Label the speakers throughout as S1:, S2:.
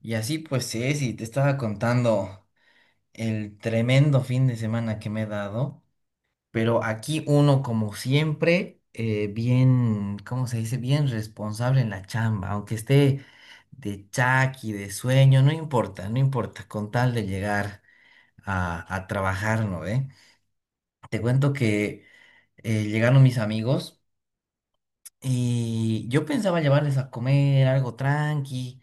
S1: Y así pues Ceci, te estaba contando el tremendo fin de semana que me he dado, pero aquí uno como siempre, bien, ¿cómo se dice? Bien responsable en la chamba, aunque esté de chaki, de sueño, no importa, no importa, con tal de llegar a trabajar, ¿no ve? Te cuento que llegaron mis amigos y yo pensaba llevarles a comer algo tranqui.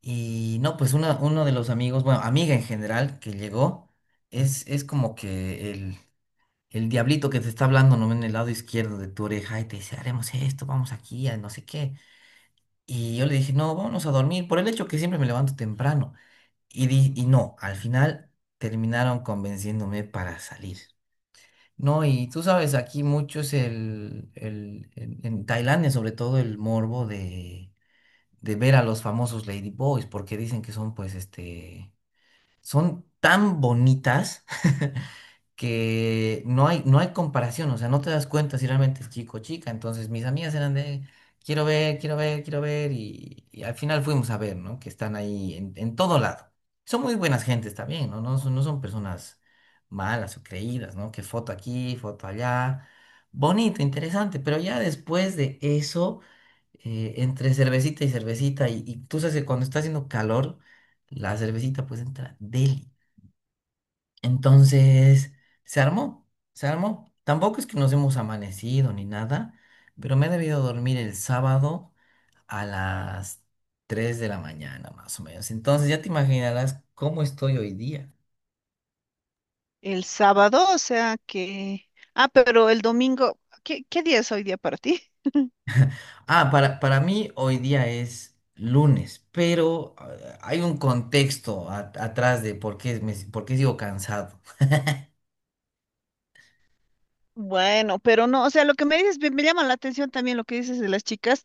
S1: Y no, pues uno de los amigos, bueno, amiga en general que llegó, es como que el diablito que te está hablando, ¿no? En el lado izquierdo de tu oreja y te dice, haremos esto, vamos aquí, a no sé qué. Y yo le dije, no, vámonos a dormir, por el hecho que siempre me levanto temprano. Y no, al final terminaron convenciéndome para salir. No, y tú sabes, aquí mucho es el, en Tailandia sobre todo el morbo de ver a los famosos Lady Boys, porque dicen que son pues este son tan bonitas que no hay comparación, o sea, no te das cuenta si realmente es chico o chica. Entonces, mis amigas eran de, quiero ver, quiero ver, quiero ver, y al final fuimos a ver, ¿no? Que están ahí en todo lado. Son muy buenas gentes también, ¿no? No son personas malas o creídas, ¿no? Que foto aquí, foto allá. Bonito, interesante, pero ya después de eso, entre cervecita y cervecita, y tú sabes que cuando está haciendo calor, la cervecita pues entra deli. Entonces, se armó, se armó. Tampoco es que nos hemos amanecido ni nada, pero me he debido dormir el sábado a las 3 de la mañana, más o menos. Entonces, ya te imaginarás cómo estoy hoy día.
S2: El sábado, o sea que... Ah, pero el domingo, ¿qué día es hoy día para ti?
S1: Ah, para mí hoy día es lunes, pero hay un contexto atrás de por qué sigo cansado.
S2: Bueno, pero no, o sea, lo que me dices, me llama la atención también lo que dices de las chicas,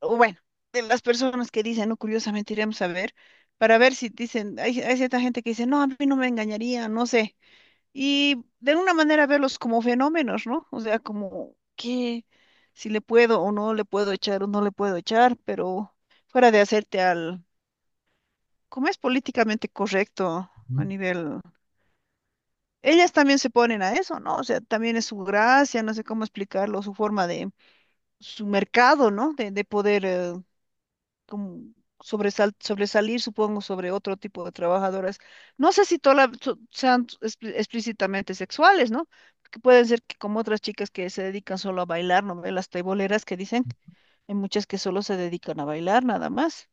S2: o bueno, de las personas que dicen, no, curiosamente iremos a ver, para ver si dicen, hay cierta gente que dice, no, a mí no me engañaría, no sé, y de alguna manera verlos como fenómenos, ¿no? O sea, como que si le puedo o no le puedo echar o no le puedo echar, pero fuera de hacerte al como es políticamente correcto a
S1: Ujú,
S2: nivel... Ellas también se ponen a eso, ¿no? O sea, también es su gracia, no sé cómo explicarlo, su forma de, su mercado, ¿no? De poder como sobresalir, supongo, sobre otro tipo de trabajadoras. No sé si todas sean explícitamente sexuales, ¿no? Porque pueden ser que como otras chicas que se dedican solo a bailar, ¿no? Ve Las teiboleras que dicen, hay muchas que solo se dedican a bailar, nada más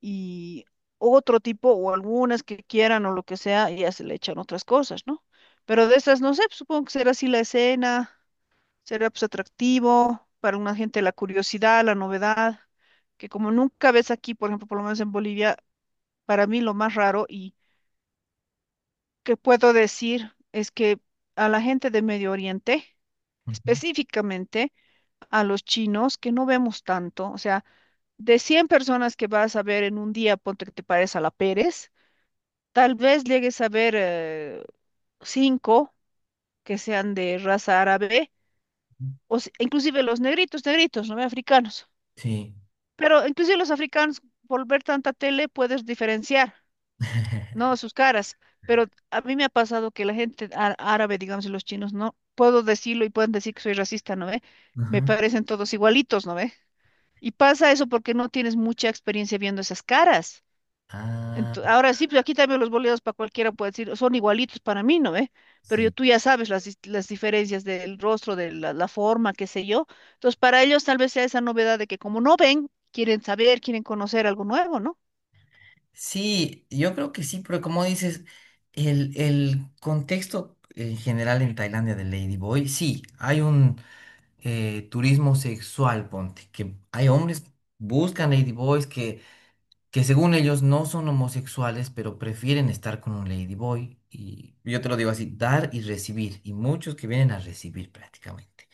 S2: y otro tipo o algunas que quieran o lo que sea, y ya se le echan otras cosas, ¿no? Pero de esas, no sé, pues, supongo que será así la escena, será pues atractivo para una gente la curiosidad, la novedad, que como nunca ves aquí, por ejemplo, por lo menos en Bolivia, para mí lo más raro y que puedo decir es que a la gente de Medio Oriente,
S1: ujú,
S2: específicamente a los chinos, que no vemos tanto, o sea, de 100 personas que vas a ver en un día, ponte que te parezca a la Pérez, tal vez llegues a ver cinco que sean de raza árabe,
S1: ujú.
S2: o si- inclusive los negritos, negritos, no africanos.
S1: Sí.
S2: Pero inclusive los africanos, por ver tanta tele, puedes diferenciar, ¿no? Sus caras. Pero a mí me ha pasado que la gente árabe, digamos, y los chinos, no puedo decirlo y pueden decir que soy racista, ¿no ve? Me
S1: Ajá.
S2: parecen todos igualitos, ¿no ve? Y pasa eso porque no tienes mucha experiencia viendo esas caras.
S1: Ah,
S2: Ahora sí, pues aquí también los boleados para cualquiera puede decir, son igualitos para mí, ¿no ve? Pero yo,
S1: sí.
S2: tú ya sabes las, las diferencias del rostro, de la, la forma, qué sé yo. Entonces, para ellos tal vez sea esa novedad de que como no ven, quieren saber, quieren conocer algo nuevo, ¿no?
S1: Sí, yo creo que sí, pero como dices, el contexto en general en Tailandia de Lady Boy, sí, hay un turismo sexual, ponte, que hay hombres que buscan Lady Boys que según ellos no son homosexuales, pero prefieren estar con un Lady Boy. Y yo te lo digo así, dar y recibir, y muchos que vienen a recibir prácticamente.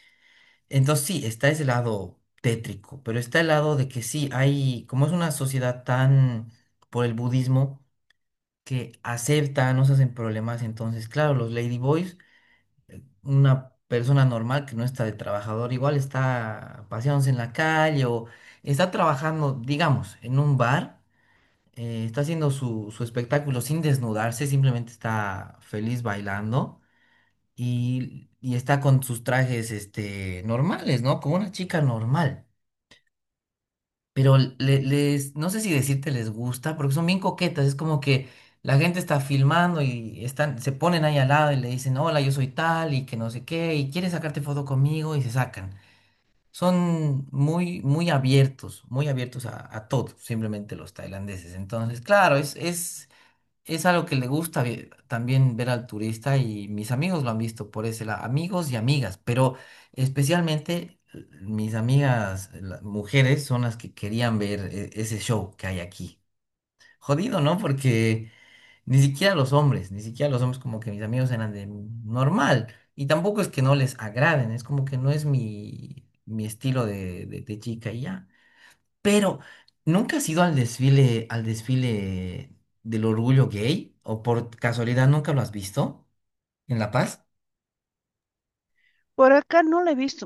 S1: Entonces sí, está ese lado tétrico, pero está el lado de que sí, hay, como es una sociedad tan por el budismo, que aceptan, no se hacen problemas. Entonces, claro, los ladyboys, una persona normal que no está de trabajador, igual está paseándose en la calle o está trabajando, digamos, en un bar, está haciendo su espectáculo sin desnudarse, simplemente está feliz bailando y está con sus trajes, normales, ¿no? Como una chica normal. Pero les, no sé si decirte les gusta, porque son bien coquetas, es como que la gente está filmando y están, se ponen ahí al lado y le dicen, hola, yo soy tal y que no sé qué, y quieres sacarte foto conmigo y se sacan. Son muy, muy abiertos a todo, simplemente los tailandeses. Entonces, claro, es algo que le gusta también ver al turista y mis amigos lo han visto por ese lado, amigos y amigas, pero especialmente mis amigas, las mujeres, son las que querían ver ese show que hay aquí. Jodido, ¿no? Porque ni siquiera los hombres, ni siquiera los hombres como que mis amigos eran de normal y tampoco es que no les agraden, es como que no es mi estilo de chica y ya. Pero, ¿nunca has ido al desfile del orgullo gay? ¿O por casualidad nunca lo has visto en La Paz?
S2: Por acá no lo he visto.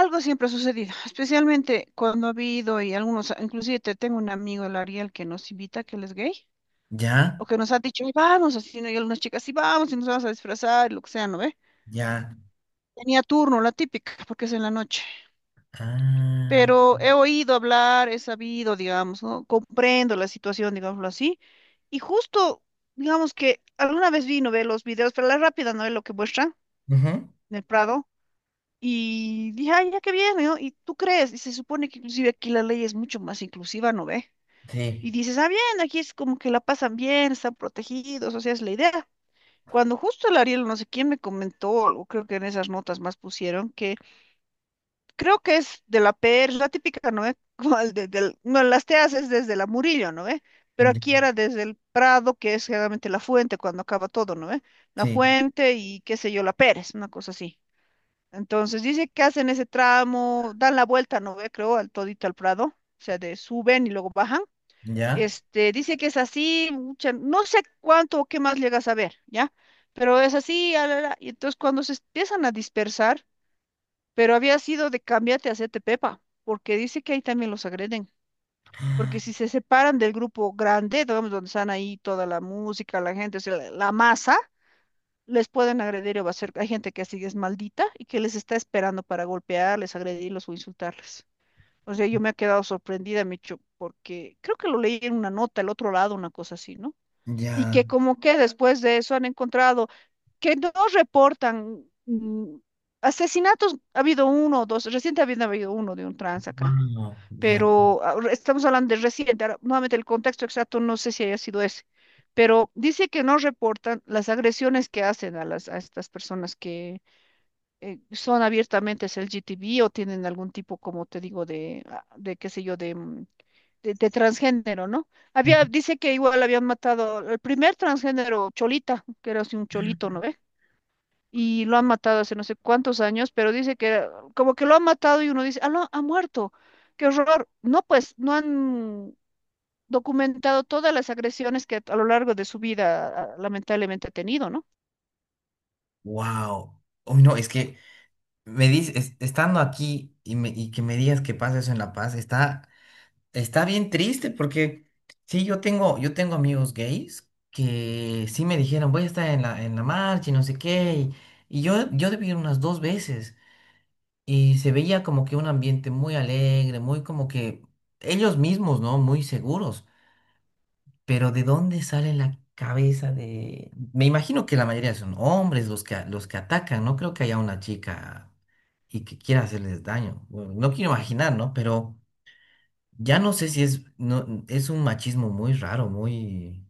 S2: Algo siempre ha sucedido, especialmente cuando ha habido y algunos, inclusive te tengo un amigo, el Ariel, que nos invita, que él es gay, o
S1: Ya,
S2: que nos ha dicho, "Ay, vamos, así, ¿no? Y algunas chicas, sí, vamos, y nos vamos a disfrazar, y lo que sea, ¿no ve?
S1: ya.
S2: Tenía turno, la típica, porque es en la noche.
S1: Ah.
S2: Pero he oído hablar, he sabido, digamos, ¿no? Comprendo la situación, digámoslo así, y justo, digamos que alguna vez vino ver los videos, pero la rápida no es lo que muestran
S1: Ujú.
S2: en el Prado, y dije, ay, ya que viene, ¿no? Y tú crees, y se supone que inclusive aquí la ley es mucho más inclusiva, ¿no ve?
S1: Sí.
S2: Y dices, ah, bien, aquí es como que la pasan bien, están protegidos, o sea, es la idea. Cuando justo el Ariel, no sé quién me comentó, o creo que en esas notas más pusieron, que creo que es de la PR, es la típica, ¿no ve? Como el no, las te haces desde la Murillo, ¿no ve? Pero
S1: Ya.
S2: aquí era desde el Prado, que es generalmente la fuente cuando acaba todo, ¿no ve? La
S1: Sí.
S2: fuente y qué sé yo, la Pérez, una cosa así. Entonces dice que hacen ese tramo, dan la vuelta, ¿no ve? Creo, al todito al Prado, o sea, de suben y luego bajan.
S1: Ya.
S2: Este, dice que es así, no sé cuánto o qué más llegas a ver, ¿ya? Pero es así, ah, la, y entonces cuando se empiezan a dispersar, pero había sido de cámbiate a hacerte pepa, porque dice que ahí también los agreden, porque si se separan del grupo grande, digamos, donde están ahí toda la música, la gente, o sea, la masa, les pueden agredir o hacer, hay gente que así es maldita y que les está esperando para golpearles, agredirlos o insultarles. O sea, yo me he quedado sorprendida, Micho, porque creo que lo leí en una nota, el otro lado, una cosa así, ¿no? Y
S1: Ya.
S2: que como que después de eso han encontrado que no reportan asesinatos, ha habido uno o dos, reciente había habido uno de un trans acá,
S1: Wow. Ya.
S2: pero ah, estamos hablando de reciente, ahora, nuevamente el contexto exacto no sé si haya sido ese, pero dice que no reportan las agresiones que hacen a las a estas personas que son abiertamente es LGTB o tienen algún tipo, como te digo, de, ah, de qué sé yo, de, de transgénero, ¿no? Había, dice que igual habían matado al primer transgénero, Cholita, que era así un cholito, ¿no? Y lo han matado hace no sé cuántos años, pero dice que era- como que lo han matado y uno dice, ah, no, ha muerto, qué horror. No, pues no han documentado todas las agresiones que a lo largo de su vida ah, lamentablemente ha tenido, ¿no?
S1: Wow. Uy, no, es que me dices, estando aquí y que me digas que pasa eso en La Paz, está. Está bien triste porque sí, yo tengo amigos gays que sí me dijeron, voy a estar en la marcha y no sé qué. Y yo debí ir unas dos veces y se veía como que un ambiente muy alegre, muy como que ellos mismos, ¿no? Muy seguros. Pero ¿de dónde sale la cabeza de...? Me imagino que la mayoría son hombres los que atacan. No creo que haya una chica y que quiera hacerles daño. Bueno, no quiero imaginar, ¿no? Pero... Ya no sé si es, no, es un machismo muy raro, muy,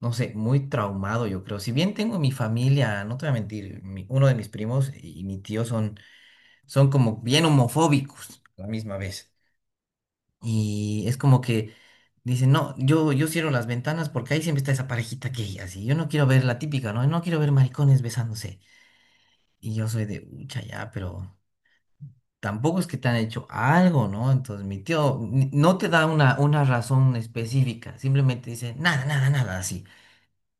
S1: no sé, muy traumado, yo creo. Si bien tengo mi familia, no te voy a mentir, uno de mis primos y mi tío son, son como bien homofóbicos a la misma vez. Y es como que dicen, no, yo cierro las ventanas porque ahí siempre está esa parejita gay, así. Yo no quiero ver la típica, ¿no? No quiero ver maricones besándose. Y yo soy de, ucha, ya, pero, tampoco es que te han hecho algo, ¿no? Entonces mi tío no te da una razón específica, simplemente dice nada, nada, nada, así.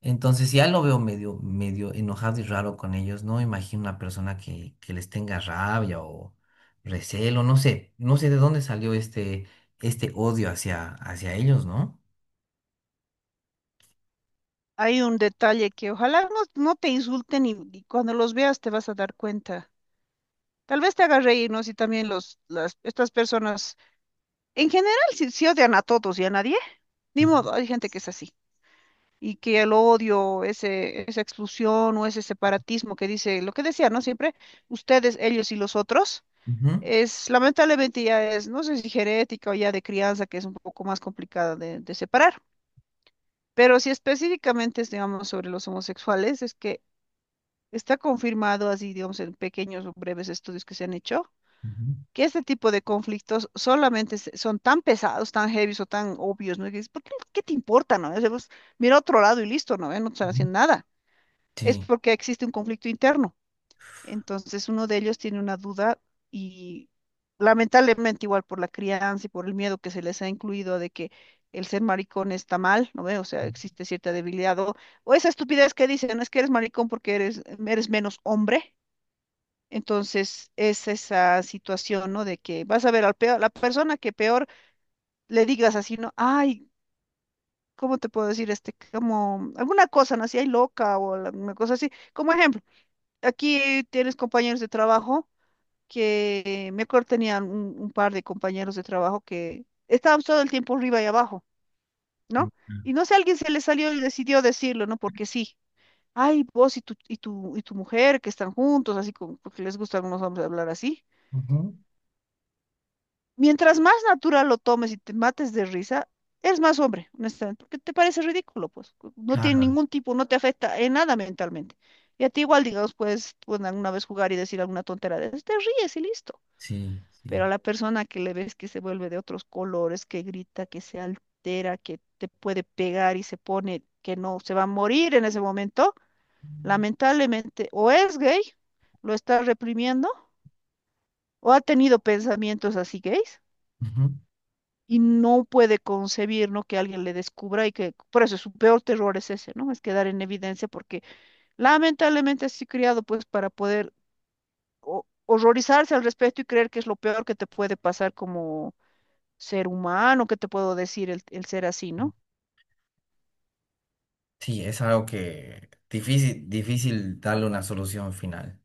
S1: Entonces ya lo veo medio, medio enojado y raro con ellos, no me imagino una persona que les tenga rabia o recelo, no sé, no sé de dónde salió este odio hacia ellos, ¿no?
S2: Hay un detalle que ojalá no, no te insulten y cuando los veas te vas a dar cuenta. Tal vez te haga reír, ¿no? Si también los, las, estas personas, en general, si, si odian a todos y a nadie, ni
S1: Ujú,
S2: modo, hay gente que es así. Y que el odio, ese, esa exclusión o ese separatismo que dice, lo que decía, ¿no? Siempre, ustedes, ellos y los otros,
S1: ujú,
S2: es lamentablemente ya es, no sé si genética o ya de crianza, que es un poco más complicada de separar. Pero si específicamente es, digamos, sobre los homosexuales, es que está confirmado así, digamos, en pequeños o breves estudios que se han hecho,
S1: ujú,
S2: que este tipo de conflictos solamente son tan pesados, tan heavies o tan obvios, ¿no? Y dices, ¿por qué, qué te importa, no? O sea, pues, mira a otro lado y listo, ¿no? No te están
S1: ujú.
S2: haciendo nada. Es
S1: Sí.
S2: porque existe un conflicto interno. Entonces uno de ellos tiene una duda y lamentablemente igual por la crianza y por el miedo que se les ha incluido de que el ser maricón está mal, ¿no ve? O sea, existe cierta debilidad o esa estupidez que dicen, es que eres maricón porque eres, eres menos hombre. Entonces es esa situación, ¿no? De que vas a ver al peor, la persona que peor le digas así, ¿no? Ay, ¿cómo te puedo decir este? Como alguna cosa, ¿no? Así, ay, loca o alguna cosa así, como ejemplo. Aquí tienes compañeros de trabajo que me acuerdo tenían un par de compañeros de trabajo que estaban todo el tiempo arriba y abajo,
S1: Ujú.
S2: ¿no? Y no sé, alguien se le salió y decidió decirlo, ¿no? Porque sí. Ay, vos y tu, y tu, y tu mujer que están juntos, así como porque les gusta a algunos hombres hablar así.
S1: Ujú.
S2: Mientras más natural lo tomes y te mates de risa, eres más hombre, honestamente, porque te parece ridículo, pues. No tiene
S1: Claro,
S2: ningún tipo, no te afecta en nada mentalmente. Y a ti igual, digamos, puedes, pueden alguna vez jugar y decir alguna tontera de esas, te ríes y listo.
S1: sí,
S2: Pero a
S1: sí.
S2: la persona que le ves que se vuelve de otros colores, que grita, que se altera, que te puede pegar y se pone que no, se va a morir en ese momento, lamentablemente o es gay, lo está reprimiendo, o ha tenido pensamientos así gays
S1: Ujú.
S2: y no puede concebir, ¿no? Que alguien le descubra y que por eso su peor terror es ese, ¿no? Es quedar en evidencia porque lamentablemente así criado pues para poder horrorizarse al respecto y creer que es lo peor que te puede pasar como ser humano, ¿qué te puedo decir el ser así, ¿no?
S1: Sí, es algo que difícil, difícil darle una solución final.